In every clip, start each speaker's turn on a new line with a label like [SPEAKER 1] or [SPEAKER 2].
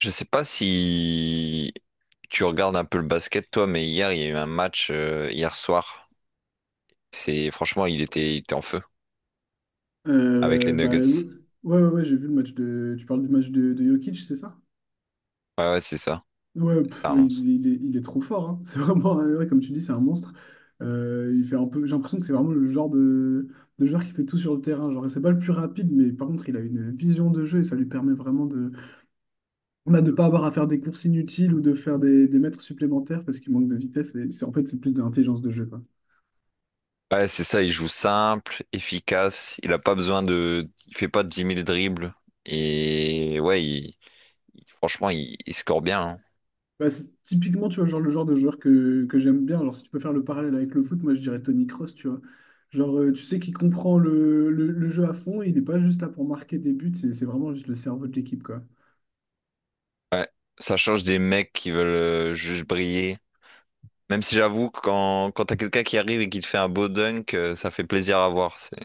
[SPEAKER 1] Je sais pas si tu regardes un peu le basket, toi, mais hier, il y a eu un match, hier soir. C'est, franchement, il était en feu avec les
[SPEAKER 2] Bah, ouais,
[SPEAKER 1] Nuggets.
[SPEAKER 2] ouais, ouais, ouais, j'ai vu le match de. Tu parles du match de Jokic, c'est ça?
[SPEAKER 1] Ouais, ouais, c'est ça.
[SPEAKER 2] Ouais, pff,
[SPEAKER 1] C'est un
[SPEAKER 2] il,
[SPEAKER 1] monstre.
[SPEAKER 2] il est, il est trop fort, hein. C'est vraiment, ouais, comme tu dis, c'est un monstre. Il fait un peu, j'ai l'impression que c'est vraiment le genre de joueur qui fait tout sur le terrain. Genre, c'est pas le plus rapide, mais par contre, il a une vision de jeu et ça lui permet vraiment de, on a de pas avoir à faire des courses inutiles ou de faire des mètres supplémentaires parce qu'il manque de vitesse. En fait, c'est plus de l'intelligence de jeu, quoi.
[SPEAKER 1] Ouais, c'est ça. Il joue simple, efficace. Il a pas besoin de, il fait pas dix mille dribbles. Et ouais, franchement, il score bien, hein.
[SPEAKER 2] Bah, c'est typiquement, tu vois, genre le genre de joueur que j'aime bien. Alors, si tu peux faire le parallèle avec le foot, moi, je dirais Tony Kroos, tu vois. Genre, tu sais qu'il comprend le jeu à fond, il n'est pas juste là pour marquer des buts, c'est vraiment juste le cerveau de l'équipe, quoi.
[SPEAKER 1] Ouais. Ça change des mecs qui veulent juste briller. Même si j'avoue que quand t'as quelqu'un qui arrive et qui te fait un beau dunk, ça fait plaisir à voir. C'est,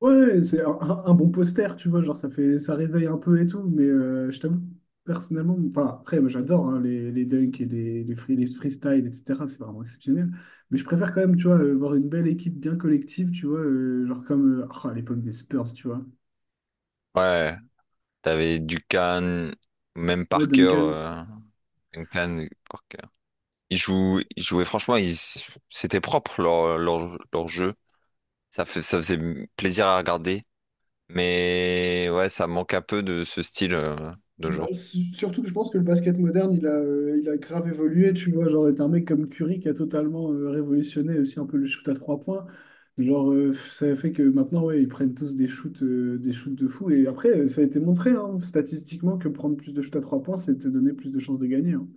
[SPEAKER 2] Ouais, c'est un bon poster, tu vois, genre, ça fait, ça réveille un peu et tout, mais je t'avoue, personnellement, enfin, après, moi, j'adore, hein, les dunks et les freestyles, etc., c'est vraiment exceptionnel. Mais je préfère quand même, tu vois, voir une belle équipe bien collective, tu vois, genre comme oh, à l'époque des Spurs, tu vois.
[SPEAKER 1] ouais. T'avais Duncan, même
[SPEAKER 2] Ouais,
[SPEAKER 1] Parker.
[SPEAKER 2] Duncan.
[SPEAKER 1] Duncan, Parker. Ils jouaient franchement, ils, c'était propre leur jeu. Ça faisait plaisir à regarder. Mais ouais, ça manque un peu de ce style de
[SPEAKER 2] Bah,
[SPEAKER 1] jour.
[SPEAKER 2] surtout que je pense que le basket moderne, il a grave évolué, tu vois, genre, t'as un mec comme Curry qui a totalement, révolutionné aussi un peu le shoot à 3 points. Genre, ça fait que maintenant, ouais, ils prennent tous des shoots de fou. Et après, ça a été montré, hein, statistiquement, que prendre plus de shoots à 3 points, c'est te donner plus de chances de gagner, hein.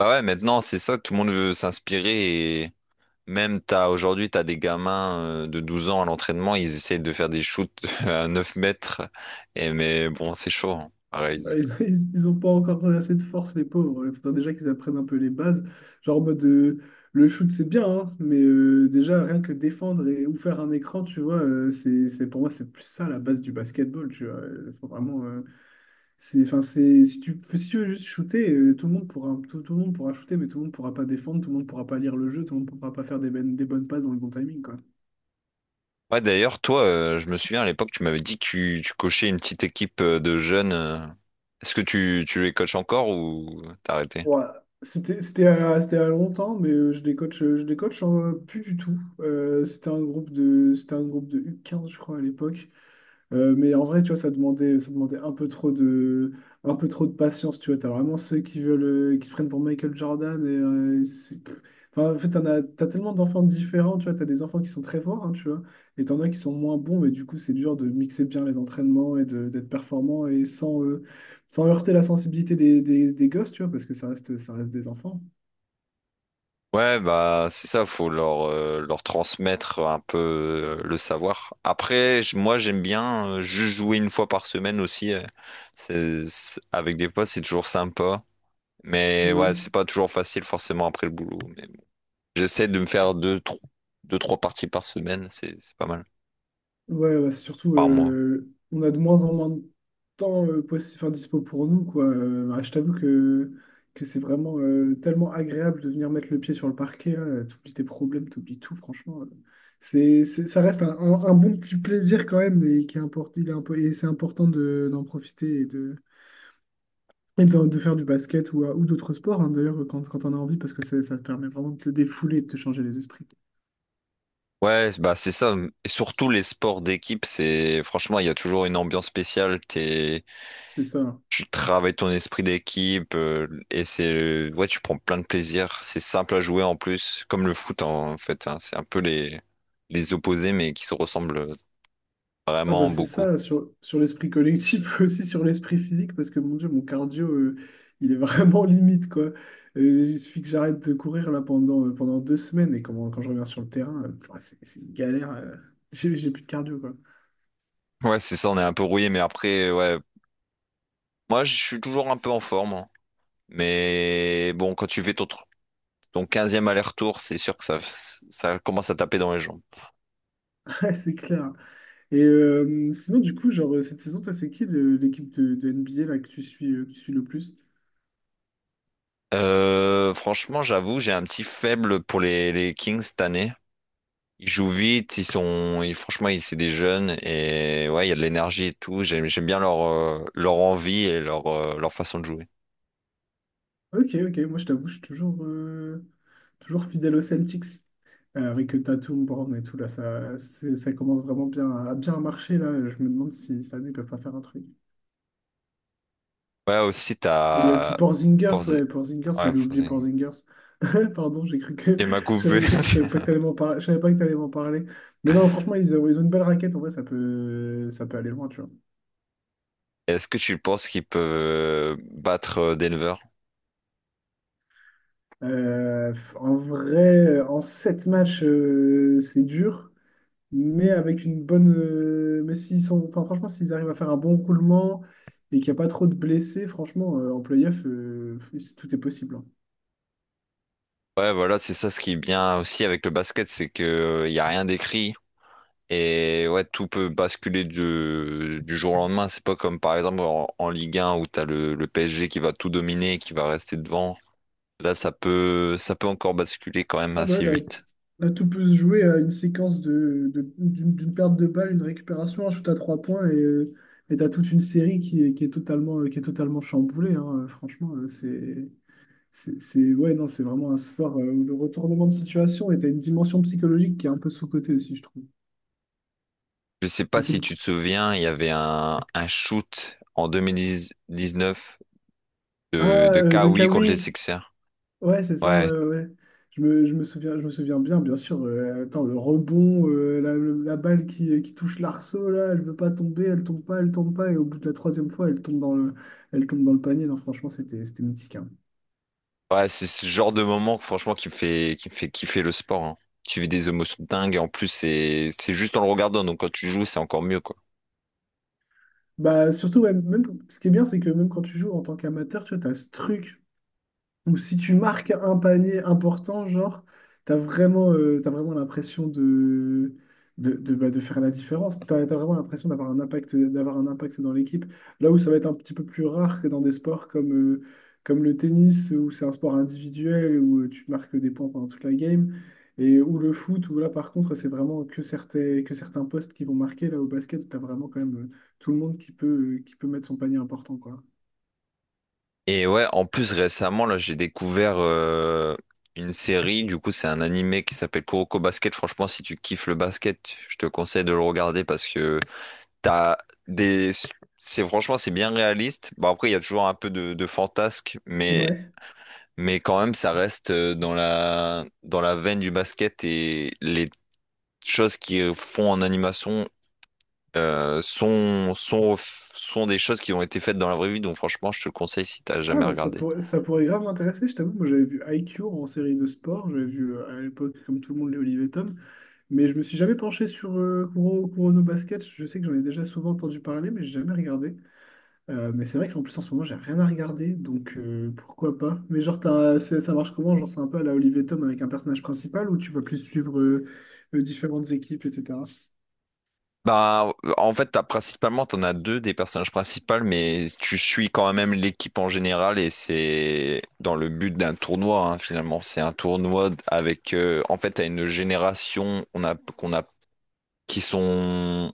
[SPEAKER 1] Bah ouais, maintenant, c'est ça, tout le monde veut s'inspirer. Et même t'as, aujourd'hui, t'as des gamins de 12 ans à l'entraînement, ils essayent de faire des shoots à 9 mètres. Et mais bon, c'est chaud hein, à
[SPEAKER 2] Ouais,
[SPEAKER 1] réaliser.
[SPEAKER 2] ils ont pas encore assez de force, les pauvres. Il faudrait déjà qu'ils apprennent un peu les bases. Genre en mode, le shoot, c'est bien, hein, mais, déjà rien que défendre et ou faire un écran, tu vois, pour moi, c'est plus ça la base du basketball, tu vois. Faut vraiment, enfin, c'est, si tu veux juste shooter, tout le monde pourra, tout le monde pourra shooter, mais tout le monde pourra pas défendre, tout le monde pourra pas lire le jeu, tout le monde pourra pas faire des bonnes passes dans le bon timing, quoi.
[SPEAKER 1] Ouais, d'ailleurs, toi, je me souviens à l'époque, tu m'avais dit que tu coachais une petite équipe de jeunes. Est-ce que tu les coaches encore ou t'as arrêté?
[SPEAKER 2] Ouais, c'était à longtemps, mais, je décoche plus du tout. C'était un groupe de U15, je crois, à l'époque. Mais en vrai, tu vois, ça demandait un peu trop de patience, tu vois. T'as vraiment ceux qui veulent, qui se prennent pour Michael Jordan pff. Enfin, en fait, t'as tellement d'enfants différents, tu vois. T'as des enfants qui sont très forts, hein, tu vois, et t'en as qui sont moins bons, mais du coup, c'est dur de mixer bien les entraînements d'être performant et sans heurter la sensibilité des gosses, tu vois, parce que ça reste des enfants.
[SPEAKER 1] Ouais, bah c'est ça, faut leur, leur transmettre un peu le savoir. Après, moi j'aime bien juste jouer une fois par semaine aussi. Avec des potes, c'est toujours sympa. Mais ouais,
[SPEAKER 2] Ouais.
[SPEAKER 1] c'est pas toujours facile forcément après le boulot. Mais bon. J'essaie de me faire deux, trois parties par semaine, c'est pas mal.
[SPEAKER 2] Ouais, ouais, c'est surtout,
[SPEAKER 1] Par mois.
[SPEAKER 2] on a de moins en moins de temps, enfin, dispo pour nous, quoi. Bah, je t'avoue que c'est vraiment, tellement agréable de venir mettre le pied sur le parquet, là. T'oublies tes problèmes, t'oublies tout, franchement. Ça reste un bon petit plaisir quand même, et qui est import- il est impo- et c'est important d'en profiter et de faire du basket ou d'autres sports, hein, d'ailleurs, quand on a envie, parce que ça te permet vraiment de te défouler et de te changer les esprits.
[SPEAKER 1] Ouais, bah c'est ça. Et surtout les sports d'équipe, c'est franchement, il y a toujours une ambiance spéciale. T'es...
[SPEAKER 2] C'est ça, hein.
[SPEAKER 1] Tu travailles ton esprit d'équipe et c'est ouais, tu prends plein de plaisir. C'est simple à jouer en plus, comme le foot en fait, hein. C'est un peu les opposés, mais qui se ressemblent
[SPEAKER 2] Ah bah
[SPEAKER 1] vraiment
[SPEAKER 2] c'est
[SPEAKER 1] beaucoup.
[SPEAKER 2] ça, sur l'esprit collectif, aussi sur l'esprit physique, parce que mon Dieu, mon cardio, il est vraiment limite, quoi. Il suffit que j'arrête de courir là pendant 2 semaines, et quand je reviens sur le terrain, pff, c'est une galère. J'ai plus de cardio, quoi.
[SPEAKER 1] Ouais, c'est ça. On est un peu rouillé, mais après, ouais, moi je suis toujours un peu en forme, hein. Mais bon, quand tu fais ton 15 aller-retour, c'est sûr que ça commence à taper dans les jambes.
[SPEAKER 2] Ouais, c'est clair. Et sinon, du coup, genre, cette saison, toi, c'est qui de l'équipe de NBA là, que tu suis le plus?
[SPEAKER 1] Franchement, j'avoue, j'ai un petit faible pour les Kings cette année. Ils jouent vite, ils sont, ils- franchement, ils, c'est des jeunes et ouais, il y a de l'énergie et tout. J'aime bien leur, leur envie et leur, leur façon de jouer.
[SPEAKER 2] Ok, ok, moi je t'avoue, je suis toujours fidèle aux Celtics. Avec Tatum, Brown et tout, là, ça commence vraiment bien à bien marcher, là. Je me demande si cette année, ils peuvent pas faire un truc.
[SPEAKER 1] Ouais, aussi,
[SPEAKER 2] Et il y a aussi
[SPEAKER 1] t'as
[SPEAKER 2] Porzingis,
[SPEAKER 1] Porzi-
[SPEAKER 2] ouais, Porzingis,
[SPEAKER 1] Ouais,
[SPEAKER 2] j'allais oublier
[SPEAKER 1] Porzi-
[SPEAKER 2] Porzingis. Pardon, j'ai cru que...
[SPEAKER 1] Il m'a coupé.
[SPEAKER 2] Je savais pas que t'allais m'en par- je savais pas que t'allais m'en parler. Mais non, franchement, ils ont une belle raquette, en vrai, ça peut aller loin, tu vois.
[SPEAKER 1] Est-ce que tu penses qu'ils peuvent battre Denver?
[SPEAKER 2] Euh, en vrai, en 7 matchs, c'est dur. Mais avec une bonne. Mais s'ils sont, enfin, franchement, s'ils arrivent à faire un bon roulement et qu'il n'y a pas trop de blessés, franchement, en playoff, tout est possible, hein.
[SPEAKER 1] Ouais, voilà, c'est ça ce qui est bien aussi avec le basket, c'est que il y a rien d'écrit. Et ouais, tout peut basculer du jour au lendemain. C'est pas comme par exemple en Ligue 1 où t'as le PSG qui va tout dominer et qui va rester devant. Là, ça peut encore basculer quand même
[SPEAKER 2] Ah bah
[SPEAKER 1] assez
[SPEAKER 2] là,
[SPEAKER 1] vite.
[SPEAKER 2] là, tout peut se jouer à une séquence d'une perte de balle, une récupération, un shoot à 3 points et t'as toute une série qui est totalement chamboulée, hein. Franchement, ouais, non, c'est vraiment un sport, où le retournement de situation et t'as une dimension psychologique qui est un peu sous-cotée aussi, je trouve.
[SPEAKER 1] Je sais pas
[SPEAKER 2] Mais c'est...
[SPEAKER 1] si tu te souviens, il y avait un shoot en 2019
[SPEAKER 2] Ah,
[SPEAKER 1] de
[SPEAKER 2] de
[SPEAKER 1] Kawi contre les
[SPEAKER 2] Kawhi.
[SPEAKER 1] Sixers.
[SPEAKER 2] Ouais, c'est ça, ouais,
[SPEAKER 1] Ouais,
[SPEAKER 2] ouais, ouais. Je me souviens bien, bien sûr. Attends, le rebond, la balle qui touche l'arceau, là, elle veut pas tomber, elle tombe pas, et au bout de la troisième fois, elle tombe dans le panier. Non, franchement, c'était mythique, hein.
[SPEAKER 1] ouais, c'est ce genre de moment franchement qui me fait kiffer le sport, hein. Tu vis des émotions dingues et en plus c'est juste en le regardant, donc quand tu joues, c'est encore mieux quoi.
[SPEAKER 2] Bah, surtout, ouais, même, ce qui est bien, c'est que même quand tu joues en tant qu'amateur, tu vois, t'as ce truc. Ou si tu marques un panier important, genre, t'as vraiment l'impression bah, de faire la différence. T'as vraiment l'impression d'avoir un impact dans l'équipe. Là où ça va être un petit peu plus rare que dans des sports comme le tennis, où c'est un sport individuel, où tu marques des points pendant toute la game, et où le foot, où là, par contre, c'est vraiment que certains postes qui vont marquer. Là, au basket, t'as vraiment quand même, tout le monde qui peut mettre son panier important, quoi.
[SPEAKER 1] Et ouais, en plus récemment, là, j'ai découvert une série, du coup, c'est un animé qui s'appelle Kuroko Basket. Franchement, si tu kiffes le basket, je te conseille de le regarder parce que t'as des... C'est franchement, c'est bien réaliste. Bon, après, il y a toujours un peu de fantasque,
[SPEAKER 2] Ouais.
[SPEAKER 1] mais quand même, ça reste dans la veine du basket et les choses qu'ils font en animation sont des choses qui ont été faites dans la vraie vie, donc franchement, je te le conseille si t'as
[SPEAKER 2] Ah,
[SPEAKER 1] jamais
[SPEAKER 2] bah,
[SPEAKER 1] regardé.
[SPEAKER 2] ça pourrait grave m'intéresser, je t'avoue. Moi, j'avais vu IQ en série de sport. J'avais vu, à l'époque, comme tout le monde, les Olivier Tom. Mais je me suis jamais penché sur, Kurono Basket. Je sais que j'en ai déjà souvent entendu parler, mais j'ai jamais regardé. Mais c'est vrai qu'en plus, en ce moment, j'ai rien à regarder. Donc, pourquoi pas? Mais genre, ça marche comment? Genre, c'est un peu à la Olivier Tom avec un personnage principal ou tu vas plus suivre, différentes équipes, etc.
[SPEAKER 1] Bah, en fait, t'as principalement, t'en as deux des personnages principaux, mais tu suis quand même l'équipe en général et c'est dans le but d'un tournoi, hein, finalement. C'est un tournoi avec, en fait, t'as une génération, on a, qu'on a, qui sont, on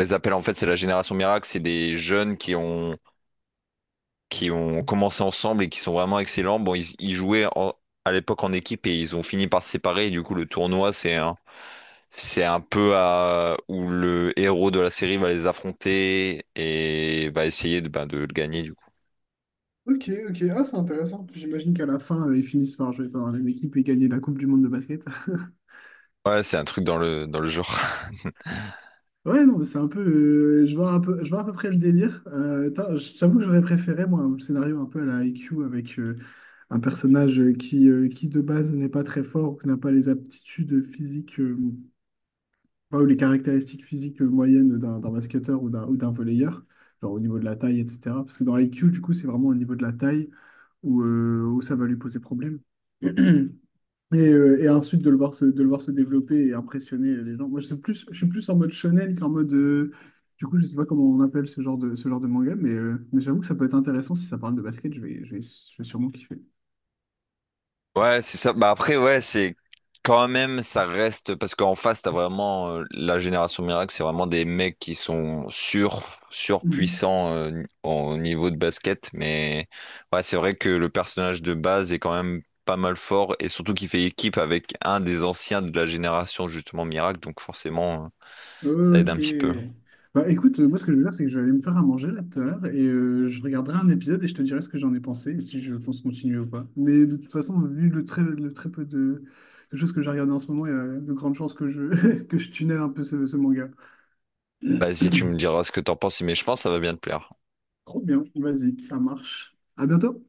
[SPEAKER 1] les appelle en fait, c'est la génération miracle, c'est des jeunes qui ont commencé ensemble et qui sont vraiment excellents. Bon, ils jouaient à l'époque en équipe et ils ont fini par se séparer et du coup, le tournoi, c'est un c'est un peu à... où le héros de la série va les affronter et va essayer de, bah, de le gagner du coup.
[SPEAKER 2] Ok, ok. Ah, c'est intéressant. J'imagine qu'à la fin, ils finissent par jouer dans la même équipe et gagner la Coupe du Monde de basket.
[SPEAKER 1] Ouais, c'est un truc dans le genre.
[SPEAKER 2] Ouais, non, mais c'est un peu. Je vois à peu près le délire. Tain, je t'avoue que j'aurais préféré, moi, un scénario un peu à la IQ avec, un personnage, qui, de base, n'est pas très fort ou qui n'a pas les aptitudes physiques, enfin, ou les caractéristiques physiques, moyennes d'un basketteur ou d'un volleyeur, genre au niveau de la taille, etc. Parce que dans l'IQ, du coup, c'est vraiment au niveau de la taille où ça va lui poser problème. Et ensuite de le voir de le voir se développer et impressionner les gens. Moi, je suis plus en mode shonen qu'en mode. Du coup, je sais pas comment on appelle ce genre de manga, mais j'avoue que ça peut être intéressant si ça parle de basket. Je vais sûrement kiffer.
[SPEAKER 1] Ouais, c'est ça. Bah après, ouais, c'est quand même, ça reste parce qu'en face, t'as vraiment la génération miracle, c'est vraiment des mecs qui sont
[SPEAKER 2] Mhm.
[SPEAKER 1] surpuissants au niveau de basket. Mais ouais, c'est vrai que le personnage de base est quand même pas mal fort et surtout qu'il fait équipe avec un des anciens de la génération justement miracle. Donc forcément. Ça aide un petit peu.
[SPEAKER 2] Ok. Bah écoute, moi, ce que je vais faire, c'est que je vais aller me faire à manger là tout à l'heure et je regarderai un épisode et je te dirai ce que j'en ai pensé et si je pense continuer ou pas. Mais de toute façon, vu le très peu de choses que j'ai regardé en ce moment, il y a de grandes chances que je tunnel un peu ce manga.
[SPEAKER 1] Vas-y, tu me diras ce que t'en penses, mais je pense que ça va bien te plaire.
[SPEAKER 2] Trop bien, vas-y, ça marche. À bientôt.